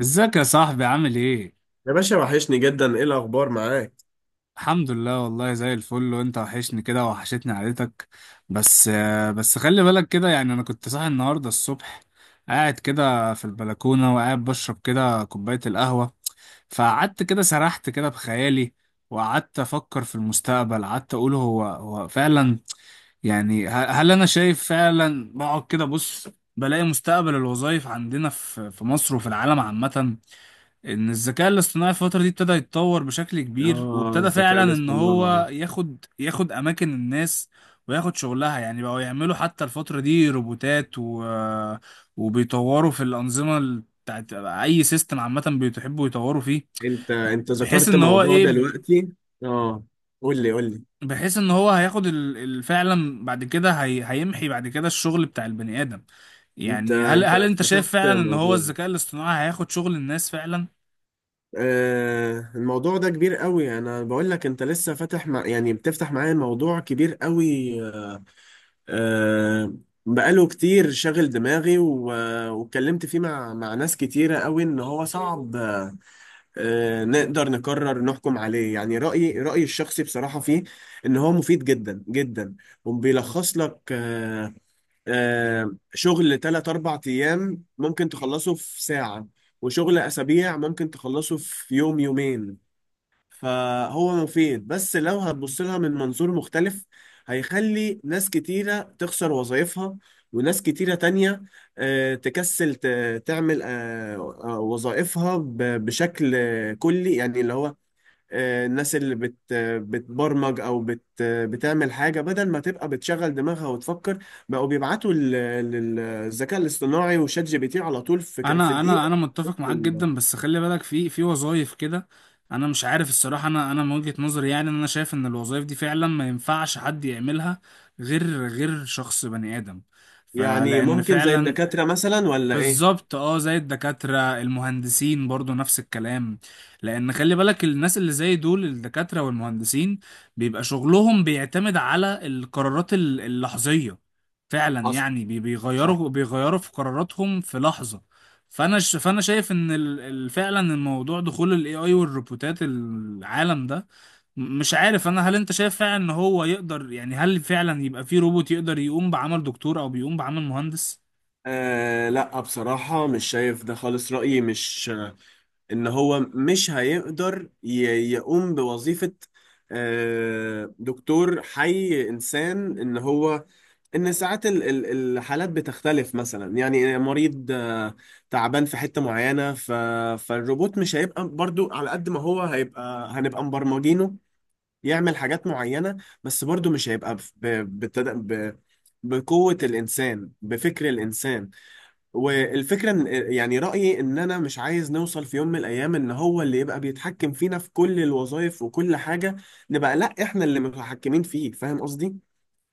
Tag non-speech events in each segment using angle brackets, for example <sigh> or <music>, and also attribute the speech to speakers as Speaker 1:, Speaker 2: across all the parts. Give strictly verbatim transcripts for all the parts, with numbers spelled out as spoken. Speaker 1: ازيك يا صاحبي عامل ايه؟
Speaker 2: يا باشا، وحشني جدا، ايه الاخبار معاك؟
Speaker 1: الحمد لله والله زي الفل وانت وحشني كده وحشتني عيلتك. بس آه، بس خلي بالك كده يعني انا كنت صاحي النهارده الصبح. قاعد كده في البلكونة وقاعد بشرب كده كوباية القهوة. فقعدت كده سرحت كده بخيالي. وقعدت افكر في المستقبل قعدت اقول هو هو فعلا يعني. ه- هل انا شايف فعلا بقعد كده بص. بلاقي مستقبل الوظائف عندنا في في مصر وفي العالم عامة. ان الذكاء الاصطناعي الفترة دي ابتدى يتطور بشكل كبير
Speaker 2: اه،
Speaker 1: وابتدى
Speaker 2: الذكاء
Speaker 1: فعلا ان
Speaker 2: الاصطناعي.
Speaker 1: هو ياخد ياخد اماكن الناس. وياخد شغلها يعني بقوا يعملوا حتى الفترة دي روبوتات و... وبيطوروا في الأنظمة ال- بتاعت اي سيستم عامة. بيحبوا يطوروا فيه.
Speaker 2: انت انت
Speaker 1: بحيث
Speaker 2: ذكرت
Speaker 1: ان هو
Speaker 2: موضوع
Speaker 1: ايه.
Speaker 2: دلوقتي. اه، قول لي قول لي.
Speaker 1: بحيث ان هو هياخد ال... ال- فعلا بعد كده هي... هيمحي بعد كده الشغل بتاع البني آدم.
Speaker 2: انت
Speaker 1: يعني هل
Speaker 2: انت
Speaker 1: هل انت شايف
Speaker 2: فتحت
Speaker 1: فعلا ان هو
Speaker 2: موضوع.
Speaker 1: الذكاء الاصطناعي هياخد شغل الناس فعلا.
Speaker 2: آه، الموضوع ده كبير قوي. انا بقول لك انت لسه فاتح مع يعني بتفتح معايا موضوع كبير قوي. آه، بقاله كتير شاغل دماغي و- واتكلمت فيه مع مع ناس كتيرة قوي ان هو صعب آه، نقدر نقرر نحكم عليه. يعني رأيي رأيي الشخصي بصراحة فيه إن هو مفيد جدا جدا. وبيلخص لك آه، آه، شغل تلات أربع أيام ممكن تخلصه في ساعة. وشغل أسابيع ممكن تخلصه في يوم يومين. فهو مفيد، بس لو هتبص لها من منظور مختلف، هيخلي ناس كتيرة تخسر وظائفها. وناس كتيرة تانية آه، تكسل ت- تعمل آه، آه، وظائفها ب- بشكل آه، كلي. يعني اللي هو آه، الناس اللي بت بتبرمج او بت بتعمل حاجه، بدل ما تبقى بتشغل دماغها وتفكر، بقوا بيبعتوا لل- للذكاء الاصطناعي وشات جي بي تي على طول في ك- في
Speaker 1: انا انا
Speaker 2: دقيقه.
Speaker 1: انا متفق معاك جدا بس خلي بالك في في وظايف كده. انا مش عارف الصراحه انا انا من وجهه نظري يعني ان انا شايف ان الوظايف دي فعلا ما ينفعش حد يعملها غير غير شخص بني ادم
Speaker 2: يعني
Speaker 1: فلان
Speaker 2: ممكن زي
Speaker 1: فعلا.
Speaker 2: الدكاتره مثلا، ولا ايه؟
Speaker 1: بالظبط اه زي الدكاترة المهندسين برضو نفس الكلام. لأن خلي بالك الناس اللي زي دول الدكاترة والمهندسين بيبقى شغلهم بيعتمد على القرارات ال- اللحظية. فعلا
Speaker 2: حصل.
Speaker 1: يعني بي-
Speaker 2: صح.
Speaker 1: بيغيروا بيغيروا في قراراتهم في لحظة. فأنا ش- فأنا شايف إن ال- ال- فعلا الموضوع دخول ال إيه آي والروبوتات العالم ده. م- مش عارف أنا هل أنت شايف فعلا إن هو يقدر يعني هل فعلا يبقى في روبوت يقدر يقوم بعمل دكتور أو بيقوم بعمل مهندس؟
Speaker 2: آه، لا، بصراحة مش شايف ده خالص. رأيي مش إن هو مش هيقدر ي- يقوم بوظيفة آه دكتور حي إنسان. إن هو إن ساعات ال- ال- الحالات بتختلف مثلا. يعني مريض آه تعبان في حتة معينة، ف فالروبوت مش هيبقى برضو. على قد ما هو هيبقى هنبقى مبرمجينه يعمل حاجات معينة. بس برضو مش هيبقى ب- ب- بتد- ب- بقوة الإنسان، بفكر الإنسان. والفكرة ان يعني رأيي ان انا مش عايز نوصل في يوم من الايام ان هو اللي يبقى بيتحكم فينا في كل الوظائف وكل حاجة. نبقى لا احنا اللي متحكمين فيه. فاهم قصدي؟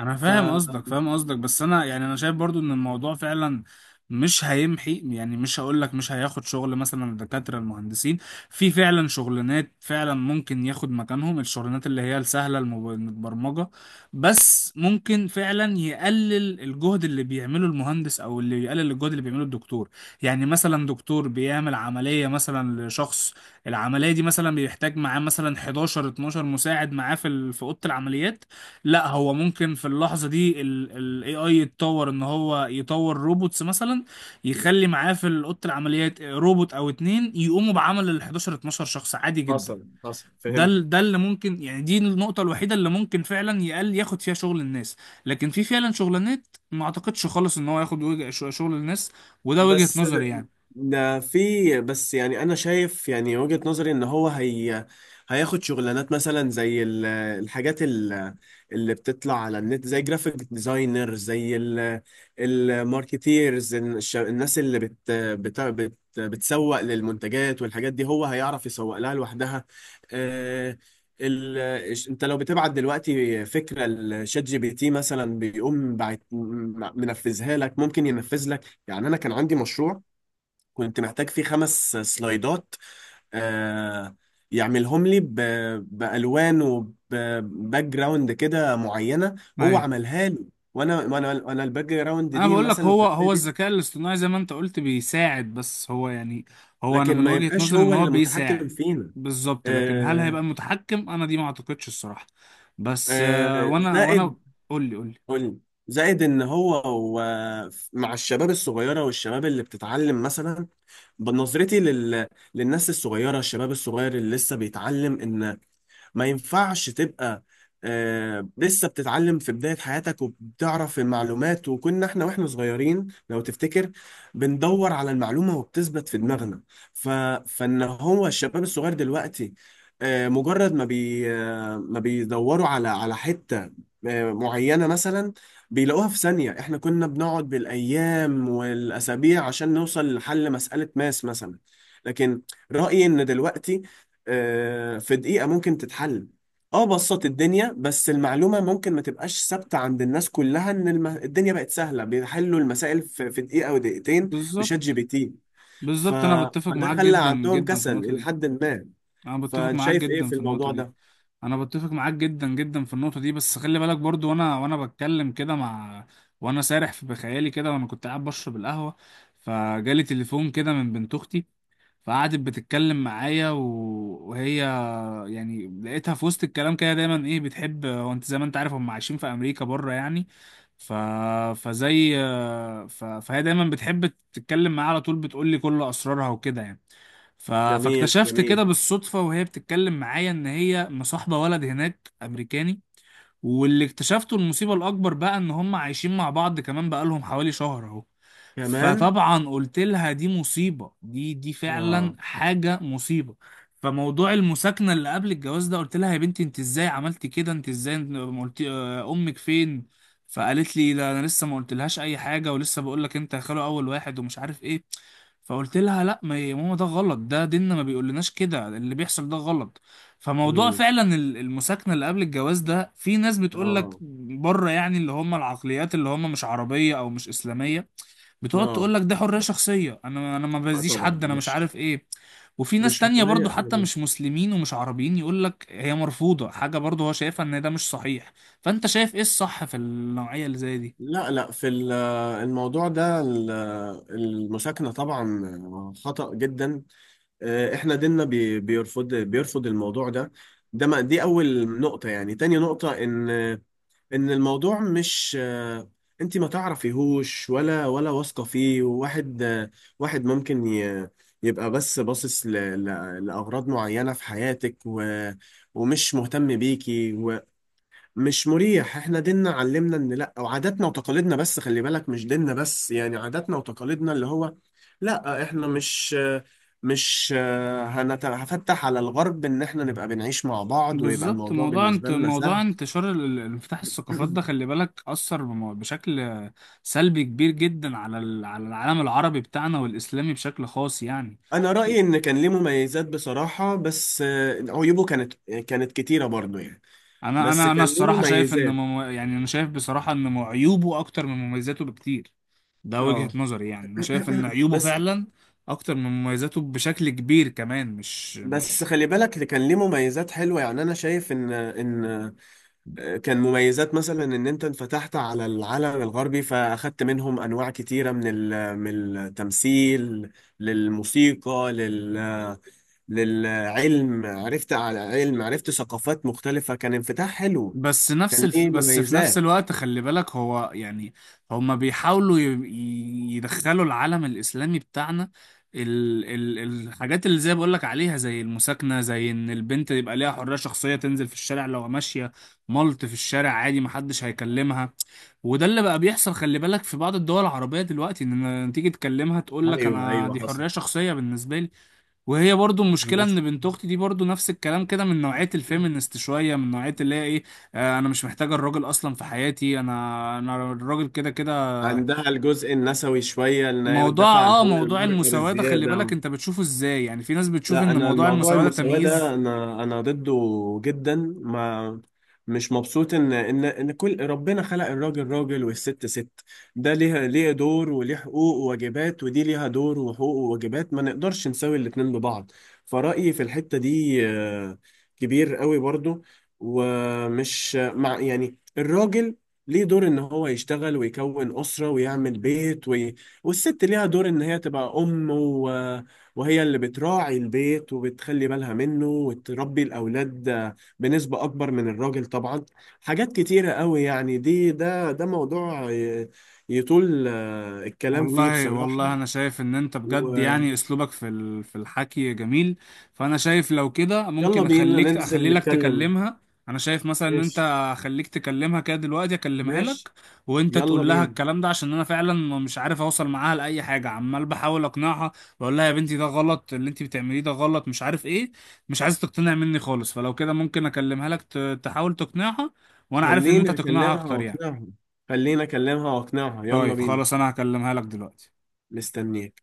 Speaker 1: انا
Speaker 2: ف
Speaker 1: فاهم قصدك فاهم قصدك بس انا يعني انا شايف برضو ان الموضوع فعلا مش هيمحي يعني مش هقول لك مش هياخد شغل مثلا الدكاتره المهندسين. في فعلا شغلانات فعلا ممكن ياخد مكانهم الشغلانات اللي هي السهله المب- المتبرمجه. بس ممكن فعلا يقلل الجهد اللي بيعمله المهندس او اللي يقلل الجهد اللي بيعمله الدكتور. يعني مثلا دكتور بيعمل عمليه مثلا لشخص. العمليه دي مثلا بيحتاج معاه مثلا حداشر اتناشر مساعد معاه في ال- في اوضه العمليات. لا هو ممكن في اللحظة دي ال ال إيه آي يتطور ان هو يطور روبوتس مثلا. يخلي معاه في أوضة العمليات روبوت او اتنين يقوموا بعمل ال حداشر اتناشر شخص عادي جدا.
Speaker 2: حصل، حصل،
Speaker 1: ده
Speaker 2: فهمت.
Speaker 1: ال- ده اللي ممكن يعني دي النقطة الوحيدة اللي ممكن فعلا يقل ياخد فيها شغل الناس. لكن في فعلا شغلانات ما اعتقدش خالص ان هو ياخد وجه- شغل الناس. وده وجهة
Speaker 2: بس
Speaker 1: نظري
Speaker 2: ده،
Speaker 1: يعني.
Speaker 2: ده في بس يعني انا شايف، يعني وجهة نظري ان هو هي هياخد شغلانات مثلا زي ال- الحاجات ال- اللي بتطلع على النت، زي جرافيك ديزاينر، زي ال- الماركتيرز، الش- الناس اللي بت بت بت بتسوق للمنتجات والحاجات دي. هو هيعرف يسوق لها لوحدها. آه، ال... انت لو بتبعت دلوقتي فكرة لشات جي بي تي مثلا، بيقوم بعت... منفذها لك. ممكن ينفذ لك. يعني انا كان عندي مشروع كنت محتاج فيه خمس سلايدات آه يعملهم لي ب- بالوان وباك جراوند كده معينه. هو
Speaker 1: أيوة.
Speaker 2: عملها لي. وانا وانا وانا الباك جراوند
Speaker 1: انا
Speaker 2: دي،
Speaker 1: بقول لك
Speaker 2: مثلا
Speaker 1: هو
Speaker 2: الخلفيه
Speaker 1: هو
Speaker 2: دي،
Speaker 1: الذكاء الاصطناعي زي ما انت قلت بيساعد بس هو يعني. هو انا
Speaker 2: لكن
Speaker 1: من
Speaker 2: ما
Speaker 1: وجهة
Speaker 2: يبقاش
Speaker 1: نظري ان
Speaker 2: هو
Speaker 1: هو
Speaker 2: اللي المتحكم
Speaker 1: بيساعد.
Speaker 2: فينا.
Speaker 1: بالظبط لكن هل
Speaker 2: آه.
Speaker 1: هيبقى متحكم انا دي ما اعتقدش الصراحة. بس آه،
Speaker 2: آه،
Speaker 1: وانا وانا
Speaker 2: زائد.
Speaker 1: قول لي قول لي.
Speaker 2: قولي. زائد ان هو و- مع الشباب الصغيره والشباب اللي بتتعلم مثلا. بنظرتي لل... للناس الصغيره، الشباب الصغير اللي لسه بيتعلم، ان ما ينفعش تبقى آه لسه بتتعلم في بداية حياتك وبتعرف المعلومات. وكنا احنا واحنا صغيرين لو تفتكر، بندور على المعلومة وبتثبت في دماغنا. ف... فان هو الشباب الصغير دلوقتي، آه مجرد ما بي آه ما بيدوروا على على حتة آه معينة مثلا، بيلاقوها في ثانية. احنا كنا بنقعد بالأيام والأسابيع عشان نوصل لحل مسألة ماس مثلا. لكن رأيي إن دلوقتي آه، في دقيقة ممكن تتحل. اه، بسط الدنيا، بس المعلومة ممكن ما تبقاش ثابتة عند الناس كلها. ان الم... الدنيا بقت سهلة، بيحلوا المسائل في, في دقيقة ودقيقتين
Speaker 1: بالظبط
Speaker 2: بشات جي بي تي. ف...
Speaker 1: بالظبط انا بتفق
Speaker 2: فده
Speaker 1: معاك
Speaker 2: خلى
Speaker 1: جدا
Speaker 2: عندهم
Speaker 1: جدا في
Speaker 2: كسل
Speaker 1: النقطة
Speaker 2: إلى
Speaker 1: دي.
Speaker 2: حد ما.
Speaker 1: انا بتفق
Speaker 2: فانت
Speaker 1: معاك
Speaker 2: شايف ايه
Speaker 1: جدا
Speaker 2: في
Speaker 1: في النقطة
Speaker 2: الموضوع
Speaker 1: دي.
Speaker 2: ده؟
Speaker 1: انا بتفق معاك جدا جدا في النقطة دي بس خلي بالك برضو وانا وانا بتكلم كده مع. وانا سارح في بخيالي كده وانا كنت قاعد بشرب القهوة. فجالي تليفون كده من بنت اختي. فقعدت بتتكلم معايا و... وهي يعني لقيتها في وسط الكلام كده دايما ايه بتحب هو انت زي ما انت عارف هم عايشين في امريكا بره يعني. ف... فزي. ف... فهي دايما بتحب تتكلم معايا على طول بتقول لي كل اسرارها وكده يعني. ف...
Speaker 2: جميل،
Speaker 1: فاكتشفت كده
Speaker 2: جميل.
Speaker 1: بالصدفة وهي بتتكلم معايا ان هي مصاحبة ولد هناك امريكاني. واللي اكتشفته المصيبة الأكبر بقى إن هم عايشين مع بعض كمان بقالهم حوالي شهر أهو.
Speaker 2: كمان.
Speaker 1: فطبعا قلت لها دي مصيبة دي دي فعلا
Speaker 2: اه.
Speaker 1: حاجة مصيبة. فموضوع المساكنة اللي قبل الجواز ده قلت لها يا بنتي انت ازاي عملتي كده انت ازاي ما قلت آه، امك فين. فقالت لي لا انا لسه ما قلتلهاش اي حاجة ولسه بقول لك انت يا خالو اول واحد ومش عارف ايه. فقلت لها لا ما يا ماما ده غلط ده ديننا ما بيقولناش كده اللي بيحصل ده غلط. فموضوع
Speaker 2: مم.
Speaker 1: فعلا ال- المساكنة اللي قبل الجواز ده في ناس بتقول لك
Speaker 2: اه،
Speaker 1: بره يعني اللي هم العقليات اللي هم مش عربية او مش اسلامية. بتقعد
Speaker 2: اه.
Speaker 1: تقول لك ده حرية شخصية انا انا ما
Speaker 2: لا
Speaker 1: باذيش
Speaker 2: طبعا،
Speaker 1: حد انا مش
Speaker 2: مش
Speaker 1: عارف ايه. وفي ناس
Speaker 2: مش
Speaker 1: تانية برضو
Speaker 2: حرية.
Speaker 1: حتى مش مسلمين ومش عربيين يقول لك هي مرفوضة حاجة برضو هو شايفها ان ده مش صحيح. فانت شايف ايه الصح في النوعية اللي زي دي.
Speaker 2: لا، لا، في ال- آه، الموضوع ده، ال- آه، المساكنة طبعا خطأ جدا. آه، احنا ديننا بي- بيرفض بيرفض الموضوع ده. ده، ما دي اول نقطة. يعني تاني نقطة، ان ان الموضوع مش آه، انت ما تعرفيهوش ولا ولا واثقة فيه. واحد آه، واحد ممكن ي- يبقى بس باصص ل- ل- لأغراض معينة في حياتك، و- ومش مهتم بيكي. مش مريح. احنا ديننا علمنا ان لا، وعاداتنا وتقاليدنا. بس خلي بالك مش ديننا بس، يعني عاداتنا وتقاليدنا اللي هو. لا، احنا مش مش هنت- هفتح على الغرب ان احنا نبقى بنعيش مع بعض ويبقى
Speaker 1: بالظبط
Speaker 2: الموضوع
Speaker 1: موضوع انت
Speaker 2: بالنسبة لنا
Speaker 1: موضوع
Speaker 2: سهل.
Speaker 1: انتشار ال- ال- انفتاح الثقافات ده
Speaker 2: <clears throat>
Speaker 1: خلي بالك اثر بم- بشكل سلبي كبير جدا على ال- على العالم العربي بتاعنا والاسلامي بشكل خاص يعني.
Speaker 2: انا
Speaker 1: و-
Speaker 2: رأيي ان كان ليه مميزات بصراحة، بس آه، عيوبه كانت كانت كتيرة برضو يعني.
Speaker 1: انا
Speaker 2: بس
Speaker 1: انا انا
Speaker 2: كان ليه
Speaker 1: الصراحه شايف ان
Speaker 2: مميزات.
Speaker 1: مم... يعني انا شايف بصراحه ان مو- عيوبه اكتر من مميزاته بكتير. ده وجهه
Speaker 2: اه.
Speaker 1: نظري يعني انا شايف
Speaker 2: <clears throat>
Speaker 1: ان عيوبه
Speaker 2: بس،
Speaker 1: فعلا اكتر من مميزاته بشكل كبير كمان مش
Speaker 2: بس
Speaker 1: مش
Speaker 2: خلي بالك كان ليه مميزات حلوة، يعني انا شايف ان ان كان مميزات مثلا ان انت انفتحت على العالم الغربي، فاخدت منهم انواع كتيره من ال- من التمثيل، للموسيقى، لل للعلم. عرفت على علم، عرفت ثقافات مختلفه. كان انفتاح حلو.
Speaker 1: بس نفس
Speaker 2: كان
Speaker 1: الف...
Speaker 2: ليه
Speaker 1: بس في نفس
Speaker 2: مميزات.
Speaker 1: الوقت خلي بالك هو يعني هما بيحاولوا ي... ي- يدخلوا العالم الإسلامي بتاعنا. ال... ال... الحاجات اللي زي بقول لك عليها زي المساكنة زي إن البنت يبقى ليها حرية شخصية تنزل في الشارع لو ماشية ملط في الشارع عادي محدش هيكلمها. وده اللي بقى بيحصل خلي بالك في بعض الدول العربية دلوقتي إن لما تيجي تكلمها تقول لك
Speaker 2: ايوه،
Speaker 1: أنا
Speaker 2: ايوه،
Speaker 1: دي
Speaker 2: حصل.
Speaker 1: حرية شخصية بالنسبة لي. وهي برضو المشكلة ان
Speaker 2: بس
Speaker 1: بنت اختي دي برضو نفس الكلام كده من نوعية الفيمينست شوية من نوعية اللي هي ايه. آه انا مش محتاجة الراجل اصلا في حياتي انا انا الراجل كده كده.
Speaker 2: عندها الجزء النسوي شويه، ان هي
Speaker 1: موضوع
Speaker 2: بتدافع عن
Speaker 1: اه
Speaker 2: حقوق
Speaker 1: موضوع
Speaker 2: المرأة
Speaker 1: المساواة ده خلي بالك
Speaker 2: بالزياده.
Speaker 1: انت بتشوفه ازاي يعني في ناس بتشوف
Speaker 2: لا،
Speaker 1: ان
Speaker 2: انا
Speaker 1: موضوع
Speaker 2: الموضوع
Speaker 1: المساواة ده
Speaker 2: المساواة ده،
Speaker 1: تمييز.
Speaker 2: انا انا ضده جدا. ما مش مبسوط ان ان ان كل ربنا خلق الراجل راجل والست ست. ده ليها ليه دور وليه حقوق وواجبات، ودي ليها دور وحقوق وواجبات. ما نقدرش نساوي الاتنين ببعض. فرأيي في الحتة دي آه، كبير قوي برضو. ومش مع، يعني الراجل ليه دور ان هو يشتغل ويكون أسرة ويعمل بيت وي... والست ليها دور ان هي تبقى ام و... وهي اللي بتراعي البيت وبتخلي بالها منه وتربي الأولاد آه، بنسبة أكبر من الراجل طبعا. حاجات كتيرة قوي يعني. دي، ده ده موضوع آه، يطول آه، الكلام فيه
Speaker 1: والله
Speaker 2: بصراحة.
Speaker 1: والله انا شايف ان انت بجد
Speaker 2: ويلا
Speaker 1: يعني اسلوبك في ال- في الحكي جميل. فانا شايف لو كده ممكن
Speaker 2: بينا
Speaker 1: اخليك
Speaker 2: ننزل
Speaker 1: اخلي لك
Speaker 2: نتكلم.
Speaker 1: تكلمها. انا شايف مثلا ان انت
Speaker 2: ماشي.
Speaker 1: اخليك تكلمها كده دلوقتي اكلمها
Speaker 2: ماشي،
Speaker 1: لك. وانت
Speaker 2: يلا
Speaker 1: تقول لها
Speaker 2: بينا.
Speaker 1: الكلام ده عشان انا فعلا مش عارف اوصل معاها لاي حاجه عمال بحاول اقنعها. واقول لها يا بنتي ده غلط اللي انت بتعمليه ده غلط مش عارف ايه. مش عايز تقتنع مني خالص فلو كده ممكن اكلمها لك ت- تحاول تقنعها. وانا عارف ان انت
Speaker 2: خليني
Speaker 1: هتقنعها
Speaker 2: أكلمها
Speaker 1: اكتر يعني.
Speaker 2: وأقنعها. خليني أكلمها وأقنعها، يلا
Speaker 1: طيب
Speaker 2: بينا.
Speaker 1: خلاص انا هكلمها لك دلوقتي.
Speaker 2: مستنيك.